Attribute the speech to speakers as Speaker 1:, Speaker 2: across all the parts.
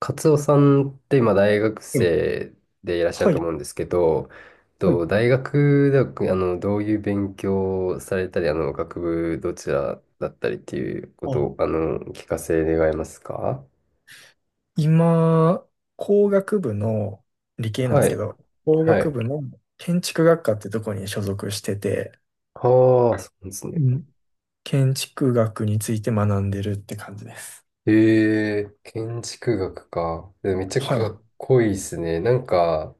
Speaker 1: カツオさんって今大学
Speaker 2: うん。
Speaker 1: 生でいらっしゃる
Speaker 2: は
Speaker 1: と
Speaker 2: い、
Speaker 1: 思うんですけど、
Speaker 2: はい。
Speaker 1: と大学ではどういう勉強をされたり、学部どちらだったりっていうこと
Speaker 2: あ、
Speaker 1: を聞かせ願えますか？
Speaker 2: 今、工学部の理系なんで
Speaker 1: は
Speaker 2: すけ
Speaker 1: い。
Speaker 2: ど、工
Speaker 1: は
Speaker 2: 学
Speaker 1: い。
Speaker 2: 部の建築学科ってとこに所属してて、
Speaker 1: ああ、そうです
Speaker 2: う
Speaker 1: ね。
Speaker 2: ん。建築学について学んでるって感じです。
Speaker 1: え、建築学か。でめっちゃ
Speaker 2: は
Speaker 1: か
Speaker 2: い。
Speaker 1: っこいいですね。なんか、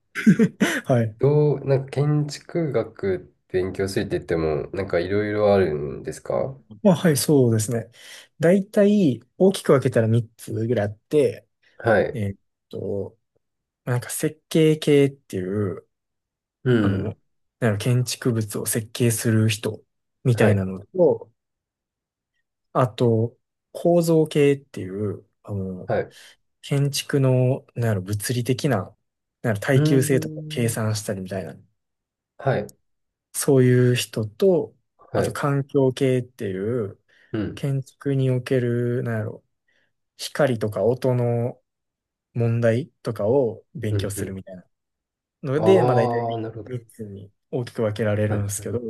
Speaker 2: はい。
Speaker 1: どう、なんか建築学勉強するって言っても、なんかいろいろあるんですか？
Speaker 2: まあ、はい、そうですね。大体、大きく分けたら3つぐらいあって、
Speaker 1: はい。
Speaker 2: えーっと、なんか設計系っていう、
Speaker 1: う
Speaker 2: あ
Speaker 1: ん。
Speaker 2: の、なんか建築物を設計する人みた
Speaker 1: は
Speaker 2: い
Speaker 1: い。
Speaker 2: なのと、あと、構造系っていう、あの、
Speaker 1: はい。う
Speaker 2: 建築の、なんやろ、物理的な、なんやろ、
Speaker 1: ー
Speaker 2: 耐久性とかを計
Speaker 1: ん。
Speaker 2: 算したりみたいな、
Speaker 1: はい。
Speaker 2: そういう人と、あ
Speaker 1: は
Speaker 2: と
Speaker 1: い。
Speaker 2: 環境系っていう、
Speaker 1: うん。
Speaker 2: 建築における、なんやろ、光とか音の問題とかを勉
Speaker 1: う
Speaker 2: 強
Speaker 1: ん。う
Speaker 2: する
Speaker 1: ん。
Speaker 2: みたいなので、まあ大体
Speaker 1: ああ、なるほど。
Speaker 2: 3つに大きく分けられ
Speaker 1: は
Speaker 2: る
Speaker 1: い。
Speaker 2: んです
Speaker 1: は
Speaker 2: け
Speaker 1: い。
Speaker 2: ど、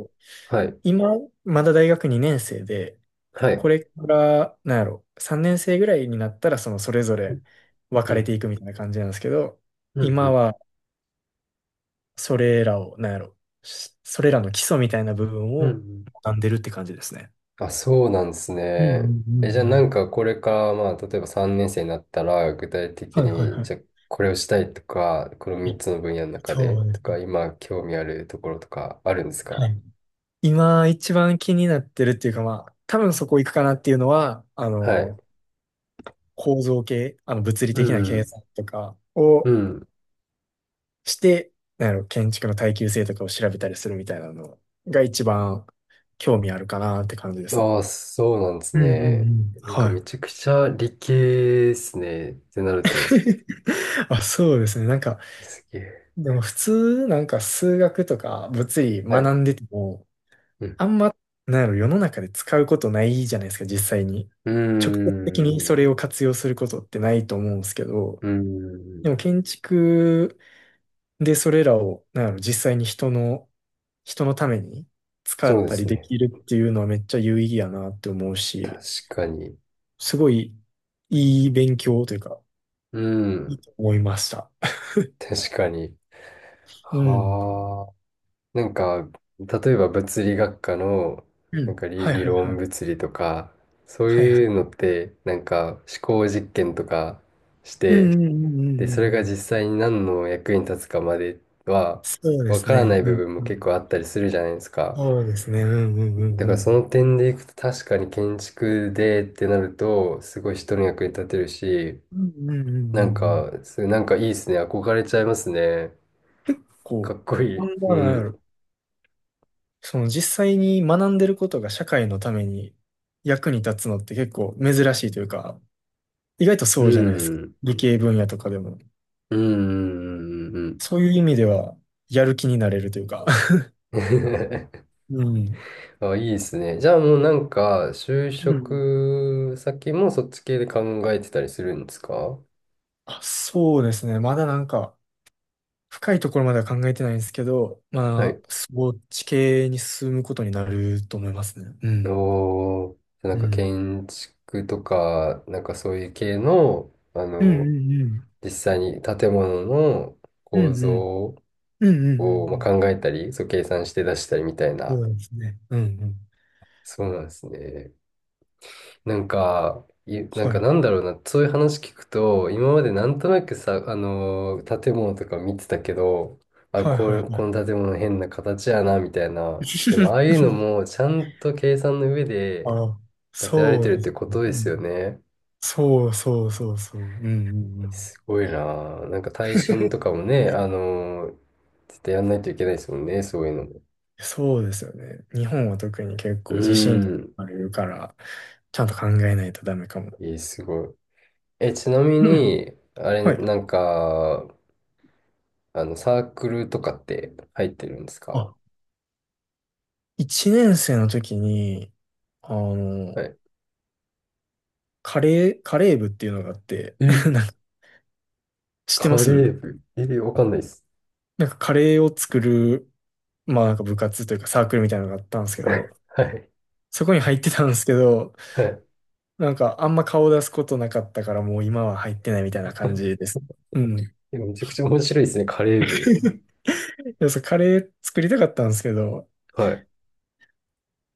Speaker 1: はい。
Speaker 2: 今、まだ大学2年生で、
Speaker 1: は
Speaker 2: こ
Speaker 1: い。
Speaker 2: れから、なんやろ、3年生ぐらいになったら、その、それぞ
Speaker 1: う
Speaker 2: れ
Speaker 1: ん。
Speaker 2: 分
Speaker 1: う
Speaker 2: かれ
Speaker 1: ん。
Speaker 2: ていくみたいな感じなんですけど、
Speaker 1: うん。う
Speaker 2: 今
Speaker 1: ん。
Speaker 2: は、それらを、なんやろ、それらの基礎みたいな部分
Speaker 1: うんう
Speaker 2: を
Speaker 1: ん、
Speaker 2: 学んでるって感じですね。
Speaker 1: あ、そうなんです
Speaker 2: うんう
Speaker 1: ね。
Speaker 2: んうん
Speaker 1: え、じゃあ
Speaker 2: う
Speaker 1: な
Speaker 2: ん。
Speaker 1: んかこれから、まあ、例えば3年生になったら、具体的
Speaker 2: はいはい
Speaker 1: に、
Speaker 2: は
Speaker 1: じゃあこれをしたいとか、この
Speaker 2: い。
Speaker 1: 3
Speaker 2: え
Speaker 1: つの分野の中で、
Speaker 2: そうで
Speaker 1: と
Speaker 2: す
Speaker 1: か、
Speaker 2: ね。
Speaker 1: 今興味あるところとかあるんです
Speaker 2: は
Speaker 1: か？
Speaker 2: い。今一番気になってるっていうかまあ、多分そこ行くかなっていうのは、あ
Speaker 1: はい。
Speaker 2: の、構造系、あの物理
Speaker 1: う
Speaker 2: 的な計
Speaker 1: ん。
Speaker 2: 算とか
Speaker 1: う
Speaker 2: を
Speaker 1: ん。
Speaker 2: して、あの、建築の耐久性とかを調べたりするみたいなのが一番興味あるかなって感じですね。
Speaker 1: ああ、そうなんです
Speaker 2: うんうんう
Speaker 1: ね。
Speaker 2: ん。
Speaker 1: なんか
Speaker 2: は
Speaker 1: め
Speaker 2: い。
Speaker 1: ちゃくちゃ理系ですね。ってなると。
Speaker 2: あ、そうですね。なんか、
Speaker 1: すげえ。
Speaker 2: でも普通、なんか数学とか物理
Speaker 1: はい。
Speaker 2: 学んでても、
Speaker 1: うん。
Speaker 2: あんま、なんやろ、世の中で使うことないじゃないですか、実際に。
Speaker 1: う
Speaker 2: 直接
Speaker 1: ー
Speaker 2: 的にそれ
Speaker 1: ん。
Speaker 2: を活用することってないと思うんですけど、
Speaker 1: うーん。
Speaker 2: でも建築で、それらを、なんやろ、実際に人の、人のために使
Speaker 1: そう
Speaker 2: っ
Speaker 1: で
Speaker 2: たり
Speaker 1: す
Speaker 2: で
Speaker 1: ね。
Speaker 2: きるっていうのはめっちゃ有意義やなって思う
Speaker 1: 確
Speaker 2: し、
Speaker 1: かに。
Speaker 2: すごいいい勉強というか、
Speaker 1: う
Speaker 2: いい
Speaker 1: ん。
Speaker 2: と思いました。
Speaker 1: 確かに。
Speaker 2: うん。
Speaker 1: はあ。なんか、例えば物理学科の、
Speaker 2: う
Speaker 1: なん
Speaker 2: ん。
Speaker 1: か理、
Speaker 2: はい
Speaker 1: 理
Speaker 2: はいは
Speaker 1: 論
Speaker 2: い。
Speaker 1: 物理とか、そう
Speaker 2: はいは
Speaker 1: いうの
Speaker 2: い。
Speaker 1: って、なんか思考実験とかし
Speaker 2: うん
Speaker 1: て、
Speaker 2: うんうんう
Speaker 1: で、
Speaker 2: んう
Speaker 1: それが実
Speaker 2: ん
Speaker 1: 際に何の役に立つかまでは、
Speaker 2: そうで
Speaker 1: わ
Speaker 2: す
Speaker 1: から
Speaker 2: ね。
Speaker 1: ない
Speaker 2: う
Speaker 1: 部
Speaker 2: ん、
Speaker 1: 分も
Speaker 2: う
Speaker 1: 結構
Speaker 2: ん。
Speaker 1: あったりするじゃないですか。
Speaker 2: そうですね。うんうんう
Speaker 1: だ
Speaker 2: ん
Speaker 1: か
Speaker 2: う
Speaker 1: ら
Speaker 2: ん。
Speaker 1: その点でいくと確かに建築でってなると、すごい人の役に立てるし、
Speaker 2: うんうんうんうん
Speaker 1: なん
Speaker 2: うん。
Speaker 1: か、それなんかいいですね。憧れちゃいますね。か
Speaker 2: こう、
Speaker 1: っこい
Speaker 2: こ
Speaker 1: い。う
Speaker 2: んな、なや
Speaker 1: ん。
Speaker 2: ろ。その実際に学んでることが社会のために役に立つのって結構珍しいというか、意外とそ
Speaker 1: う
Speaker 2: うじゃないですか。
Speaker 1: ん。
Speaker 2: 理系分野とかでも。
Speaker 1: うん。う
Speaker 2: そういう意味では、やる気になれるというか。
Speaker 1: ん。
Speaker 2: うん。
Speaker 1: あ、いいですね。じゃあもうなんか、就
Speaker 2: うん。
Speaker 1: 職先もそっち系で考えてたりするんですか？
Speaker 2: あ、そうですね。まだなんか、深いところまでは考えてないんですけど、
Speaker 1: は
Speaker 2: ま
Speaker 1: い。
Speaker 2: あ、そっち系に進むことになると思いますね。うん。
Speaker 1: おー、な
Speaker 2: う
Speaker 1: んか
Speaker 2: ん。
Speaker 1: 建築とか、なんかそういう系の、
Speaker 2: うんうんうん。
Speaker 1: 実際に建物の
Speaker 2: う
Speaker 1: 構
Speaker 2: んうん。
Speaker 1: 造
Speaker 2: うんうんう
Speaker 1: をま
Speaker 2: んう
Speaker 1: あ
Speaker 2: ん。
Speaker 1: 考えたり、そう計算して出したりみたい
Speaker 2: そ
Speaker 1: な。
Speaker 2: うですね。うんうん。
Speaker 1: そうなんですね。なん
Speaker 2: は
Speaker 1: か
Speaker 2: い。
Speaker 1: なんだろうな、そういう話聞くと、今までなんとなくさ、建物とか見てたけど、
Speaker 2: はいはいはい。
Speaker 1: この建物変な形やな、みたいな。でも、ああいうの もちゃんと計算の上で
Speaker 2: あ、
Speaker 1: 建てられ
Speaker 2: そ
Speaker 1: て
Speaker 2: う
Speaker 1: るっ
Speaker 2: で
Speaker 1: て
Speaker 2: す
Speaker 1: こ
Speaker 2: ね。
Speaker 1: と
Speaker 2: う
Speaker 1: ですよ
Speaker 2: ん
Speaker 1: ね。
Speaker 2: そうそうそうそう。うんうんうん。
Speaker 1: すごいな。なんか耐震と かもね、絶対やんないといけないですもんね、そういうの。
Speaker 2: そうですよね。日本は特に結
Speaker 1: う
Speaker 2: 構地震とか
Speaker 1: ん。
Speaker 2: あるから、ちゃんと考えないとダメかも。
Speaker 1: えー、すごい。え、ちなみ
Speaker 2: うん
Speaker 1: に、あ れ、
Speaker 2: は
Speaker 1: な
Speaker 2: い。
Speaker 1: んか、サークルとかって入ってるんですか？
Speaker 2: あ、1年生の時に、あの、
Speaker 1: はい。
Speaker 2: カレー部っていうのがあって、
Speaker 1: え、
Speaker 2: なんか知ってま
Speaker 1: カレ
Speaker 2: す
Speaker 1: ー部。え、わかんないです。
Speaker 2: なんかカレーを作る、まあなんか部活というかサークルみたいなのがあったんです けど、
Speaker 1: はい。
Speaker 2: そこに入ってたんですけど、
Speaker 1: はい。
Speaker 2: なんかあんま顔出すことなかったからもう今は入ってないみたいな感じです。うん。
Speaker 1: えめちゃくちゃ面白いですね、カレー部。
Speaker 2: いやそうカレー作りたかったんですけど、
Speaker 1: はい。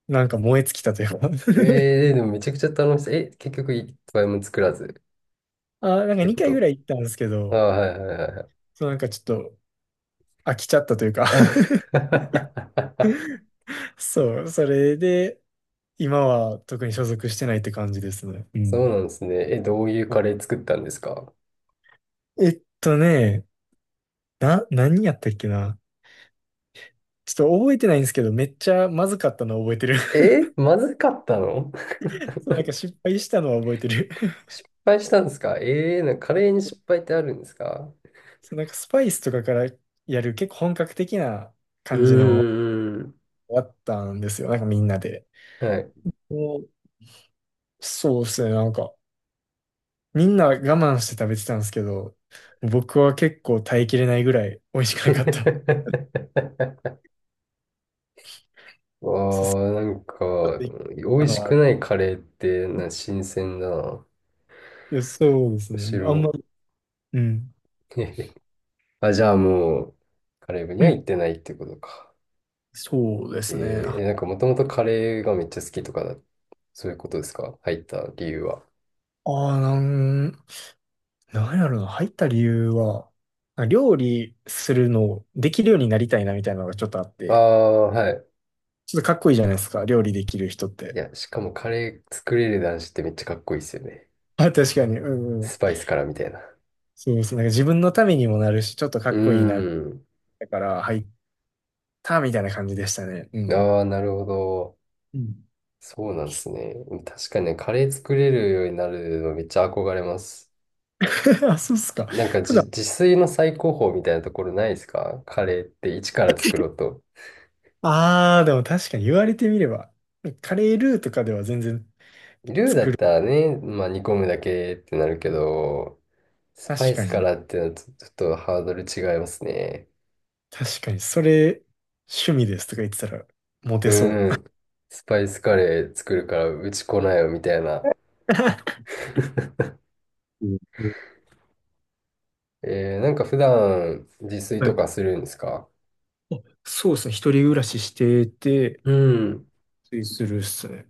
Speaker 2: なんか燃え尽きたというか
Speaker 1: えー、でもめちゃくちゃ楽しそう。え、結局一杯も作らずっ
Speaker 2: あー、なんか
Speaker 1: てこ
Speaker 2: 2回ぐ
Speaker 1: と？
Speaker 2: らい行ったんですけ
Speaker 1: あー、
Speaker 2: ど、
Speaker 1: はいはいはいはい。
Speaker 2: そうなんかちょっと飽きちゃったというか
Speaker 1: あ
Speaker 2: そう、それで、今は特に所属してないって感じですね。う
Speaker 1: そう
Speaker 2: ん。
Speaker 1: なんですね。え、どういうカレー作ったんですか？
Speaker 2: えっとね、何やったっけな。ちょっと覚えてないんですけど、めっちゃまずかったのは覚えてる
Speaker 1: え、まずかったの？
Speaker 2: そう、なんか失敗したのは覚えてる
Speaker 1: 失敗したんですか？ええー、なんかカレーに失敗ってあるんですか？
Speaker 2: そう、なんかスパイスとかからやる結構本格的な
Speaker 1: う
Speaker 2: 感じの
Speaker 1: ーん。
Speaker 2: 終わったんですよ。なんかみんなで。
Speaker 1: はい。
Speaker 2: おそうですね、なんか。みんな我慢して食べてたんですけど、僕は結構耐えきれないぐらい美味しくなかった。そう、そう
Speaker 1: わあ、なん
Speaker 2: ちょっ
Speaker 1: か、
Speaker 2: とい
Speaker 1: 美
Speaker 2: あ
Speaker 1: 味
Speaker 2: の
Speaker 1: しく
Speaker 2: は、
Speaker 1: ないカレーって、新鮮だな。
Speaker 2: いやそうです
Speaker 1: む
Speaker 2: ね。
Speaker 1: し
Speaker 2: あん
Speaker 1: ろ。
Speaker 2: まり、うん。
Speaker 1: あ、じゃあもう、カレー部に
Speaker 2: う
Speaker 1: は行
Speaker 2: ん。
Speaker 1: ってないってことか。
Speaker 2: そうですね。
Speaker 1: え
Speaker 2: あ
Speaker 1: ー、なんかもともとカレーがめっちゃ好きとかだ、そういうことですか？入った理由は。
Speaker 2: あー、なんやろな。入った理由は、料理するのをできるようになりたいなみたいなのがちょっとあっ
Speaker 1: あ
Speaker 2: て、
Speaker 1: あ、はい。
Speaker 2: ちょっとかっこいいじゃないですか。料理できる人っ
Speaker 1: い
Speaker 2: て。
Speaker 1: や、しかもカレー作れる男子ってめっちゃかっこいいですよね。
Speaker 2: あ、確かに。うんう
Speaker 1: ス
Speaker 2: ん。
Speaker 1: パイスからみたいな。
Speaker 2: そうですね。なんか自分のためにもなるし、ちょっとか
Speaker 1: うー
Speaker 2: っこいいな。
Speaker 1: ん。
Speaker 2: だから入ったみたいな感じでしたね。うん。
Speaker 1: ああ、なるほど。
Speaker 2: うん
Speaker 1: そうなんですね。確かにね、カレー作れるようになるのめっちゃ憧れます。
Speaker 2: あ、そうっすか。
Speaker 1: なんか
Speaker 2: 普
Speaker 1: じ、
Speaker 2: 段、
Speaker 1: 自炊の最高峰みたいなところないですか？カレーって一から作ろうと。
Speaker 2: ああ、でも確かに言われてみれば、カレールーとかでは全然、
Speaker 1: ルーだったらね、まあ煮込むだけってなるけど、スパ
Speaker 2: 確
Speaker 1: イ
Speaker 2: か
Speaker 1: スか
Speaker 2: に、
Speaker 1: らってのはちょっとハードル違いますね。
Speaker 2: 確かに、それ、趣味ですとか言ってたら、モテそ
Speaker 1: う
Speaker 2: う。
Speaker 1: ん。スパイスカレー作るからうち来ないよみたいな。
Speaker 2: うんうん
Speaker 1: えー、なんか普段自炊
Speaker 2: は
Speaker 1: と
Speaker 2: い。
Speaker 1: かするんですか？
Speaker 2: あそうですね。一人暮らししてて、
Speaker 1: うん。
Speaker 2: ついするっすね。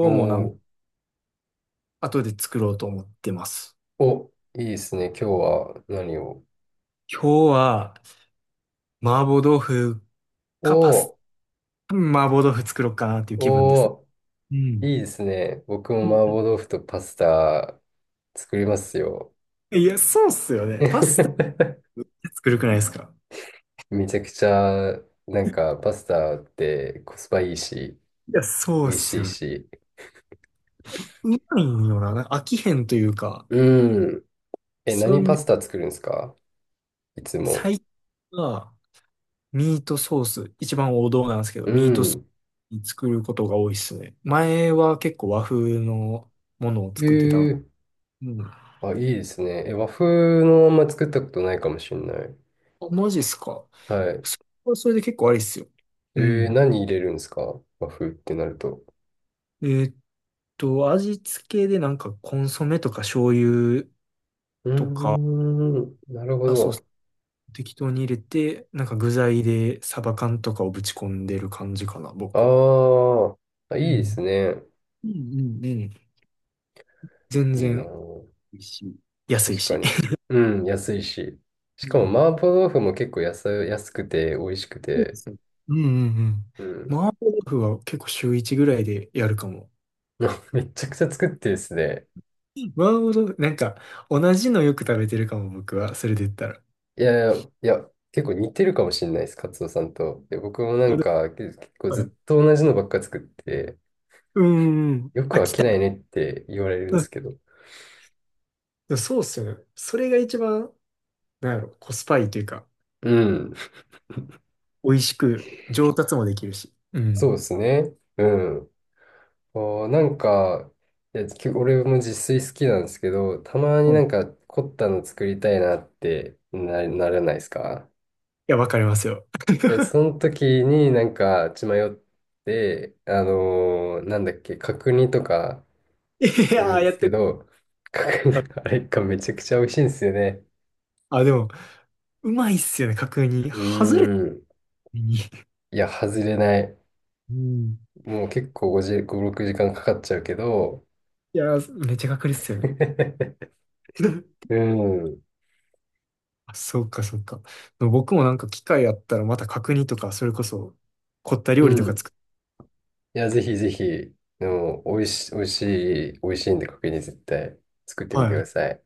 Speaker 1: お
Speaker 2: 日もなん、
Speaker 1: ー
Speaker 2: 後で作ろうと思ってます。
Speaker 1: お、いいですね。今日は何を？
Speaker 2: 今日は、麻婆豆腐か
Speaker 1: お、
Speaker 2: 麻婆豆腐作ろうかなっていう気分ですね。
Speaker 1: お
Speaker 2: う
Speaker 1: ー、いい
Speaker 2: ん。
Speaker 1: ですね。僕も麻婆豆腐とパスタ作りますよ。
Speaker 2: いや、そうっすよね。パスタっ て作るくないですか
Speaker 1: めちゃくちゃ、なんかパスタってコスパいいし、
Speaker 2: いや、そうっ
Speaker 1: 美味
Speaker 2: す
Speaker 1: しい
Speaker 2: よね。
Speaker 1: し。
Speaker 2: 見ないんよな。なんか飽きへんというか、
Speaker 1: うん。え、
Speaker 2: そ
Speaker 1: 何
Speaker 2: ん
Speaker 1: パ
Speaker 2: で、
Speaker 1: スタ作るんですか、いつも。
Speaker 2: 最近は、ミートソース、一番王道なんですけど、
Speaker 1: う
Speaker 2: ミートソース
Speaker 1: ん。
Speaker 2: に作ることが多いっすね。前は結構和風のものを
Speaker 1: え
Speaker 2: 作ってた。
Speaker 1: ー、
Speaker 2: うん。あ、
Speaker 1: あ、いいですね。え、和風のまんま作ったことないかもしれない。
Speaker 2: マジっすか。
Speaker 1: はい。
Speaker 2: それはそれで結構ありっすよ。
Speaker 1: え
Speaker 2: う
Speaker 1: ー、
Speaker 2: ん。
Speaker 1: 何入れるんですか、和風ってなると。
Speaker 2: えーっ味付けでなんかコンソメとか醤油
Speaker 1: うー
Speaker 2: とか
Speaker 1: ん、なるほど。
Speaker 2: 適当に入れて、なんか具材でサバ缶とかをぶち込んでる感じかな、僕は。
Speaker 1: あーあ、
Speaker 2: う
Speaker 1: いいです
Speaker 2: ん
Speaker 1: ね。
Speaker 2: うんうんうん。全
Speaker 1: いいな
Speaker 2: 然。
Speaker 1: ぁ。
Speaker 2: いいし、安い
Speaker 1: 確か
Speaker 2: し。
Speaker 1: に。うん、安いし。し
Speaker 2: う
Speaker 1: かも、
Speaker 2: ん。
Speaker 1: 麻婆豆腐も結構安、安くて、美味しく
Speaker 2: そうで
Speaker 1: て。
Speaker 2: すね。うんうん
Speaker 1: う
Speaker 2: うん。
Speaker 1: ん。
Speaker 2: 麻婆豆腐は結構週1ぐらいでやるかも。
Speaker 1: めちゃくちゃ作ってですね。
Speaker 2: 麻婆豆腐、なんか、同じのよく食べてるかも、僕は。それで言ったら。
Speaker 1: いやいや、いや、結構似てるかもしれないです、カツオさんと。で、僕もな
Speaker 2: あ
Speaker 1: ん
Speaker 2: で
Speaker 1: か、結構ずっと同じのばっか作って、
Speaker 2: うんうん。
Speaker 1: よく
Speaker 2: あ、
Speaker 1: 飽
Speaker 2: 来
Speaker 1: き
Speaker 2: た。
Speaker 1: ないねって言われるんで
Speaker 2: う
Speaker 1: す
Speaker 2: ん
Speaker 1: けど。
Speaker 2: でもそうっすよね。それが一番、なんやろ、コスパいいというか、
Speaker 1: うん、
Speaker 2: 美味しく上達もできるし。う
Speaker 1: そう
Speaker 2: ん。
Speaker 1: ですね。うん。おなんか、いや、俺も自炊好きなんですけど、たまに
Speaker 2: うん
Speaker 1: な
Speaker 2: い
Speaker 1: んか凝ったの作りたいなってならないですか？
Speaker 2: や、わかりますよ。
Speaker 1: いや、その時になんか血迷って、あのーなんだっけ、角煮とか
Speaker 2: い
Speaker 1: 作る
Speaker 2: やー、
Speaker 1: んで
Speaker 2: や
Speaker 1: す
Speaker 2: っ
Speaker 1: け
Speaker 2: て
Speaker 1: ど、角煮、あれがめちゃくちゃ美味しいんですよね。
Speaker 2: あ、でも、うまいっすよね、確認。
Speaker 1: う
Speaker 2: 外れた
Speaker 1: ーん。
Speaker 2: 時に。
Speaker 1: いや、外れない。
Speaker 2: うん
Speaker 1: もう結構5、5、6時間かんかかっちゃうけど、
Speaker 2: いやー、めっちゃ確率っすよね。
Speaker 1: うん。
Speaker 2: あ、そうか、そうか。僕もなんか機会あったらまた角煮とか、それこそ凝った
Speaker 1: う
Speaker 2: 料理とか
Speaker 1: ん。
Speaker 2: 作っ
Speaker 1: いや、ぜひぜひ、でも、美味しいんで、角煮絶対作ってみてく
Speaker 2: は
Speaker 1: だ
Speaker 2: い。
Speaker 1: さい。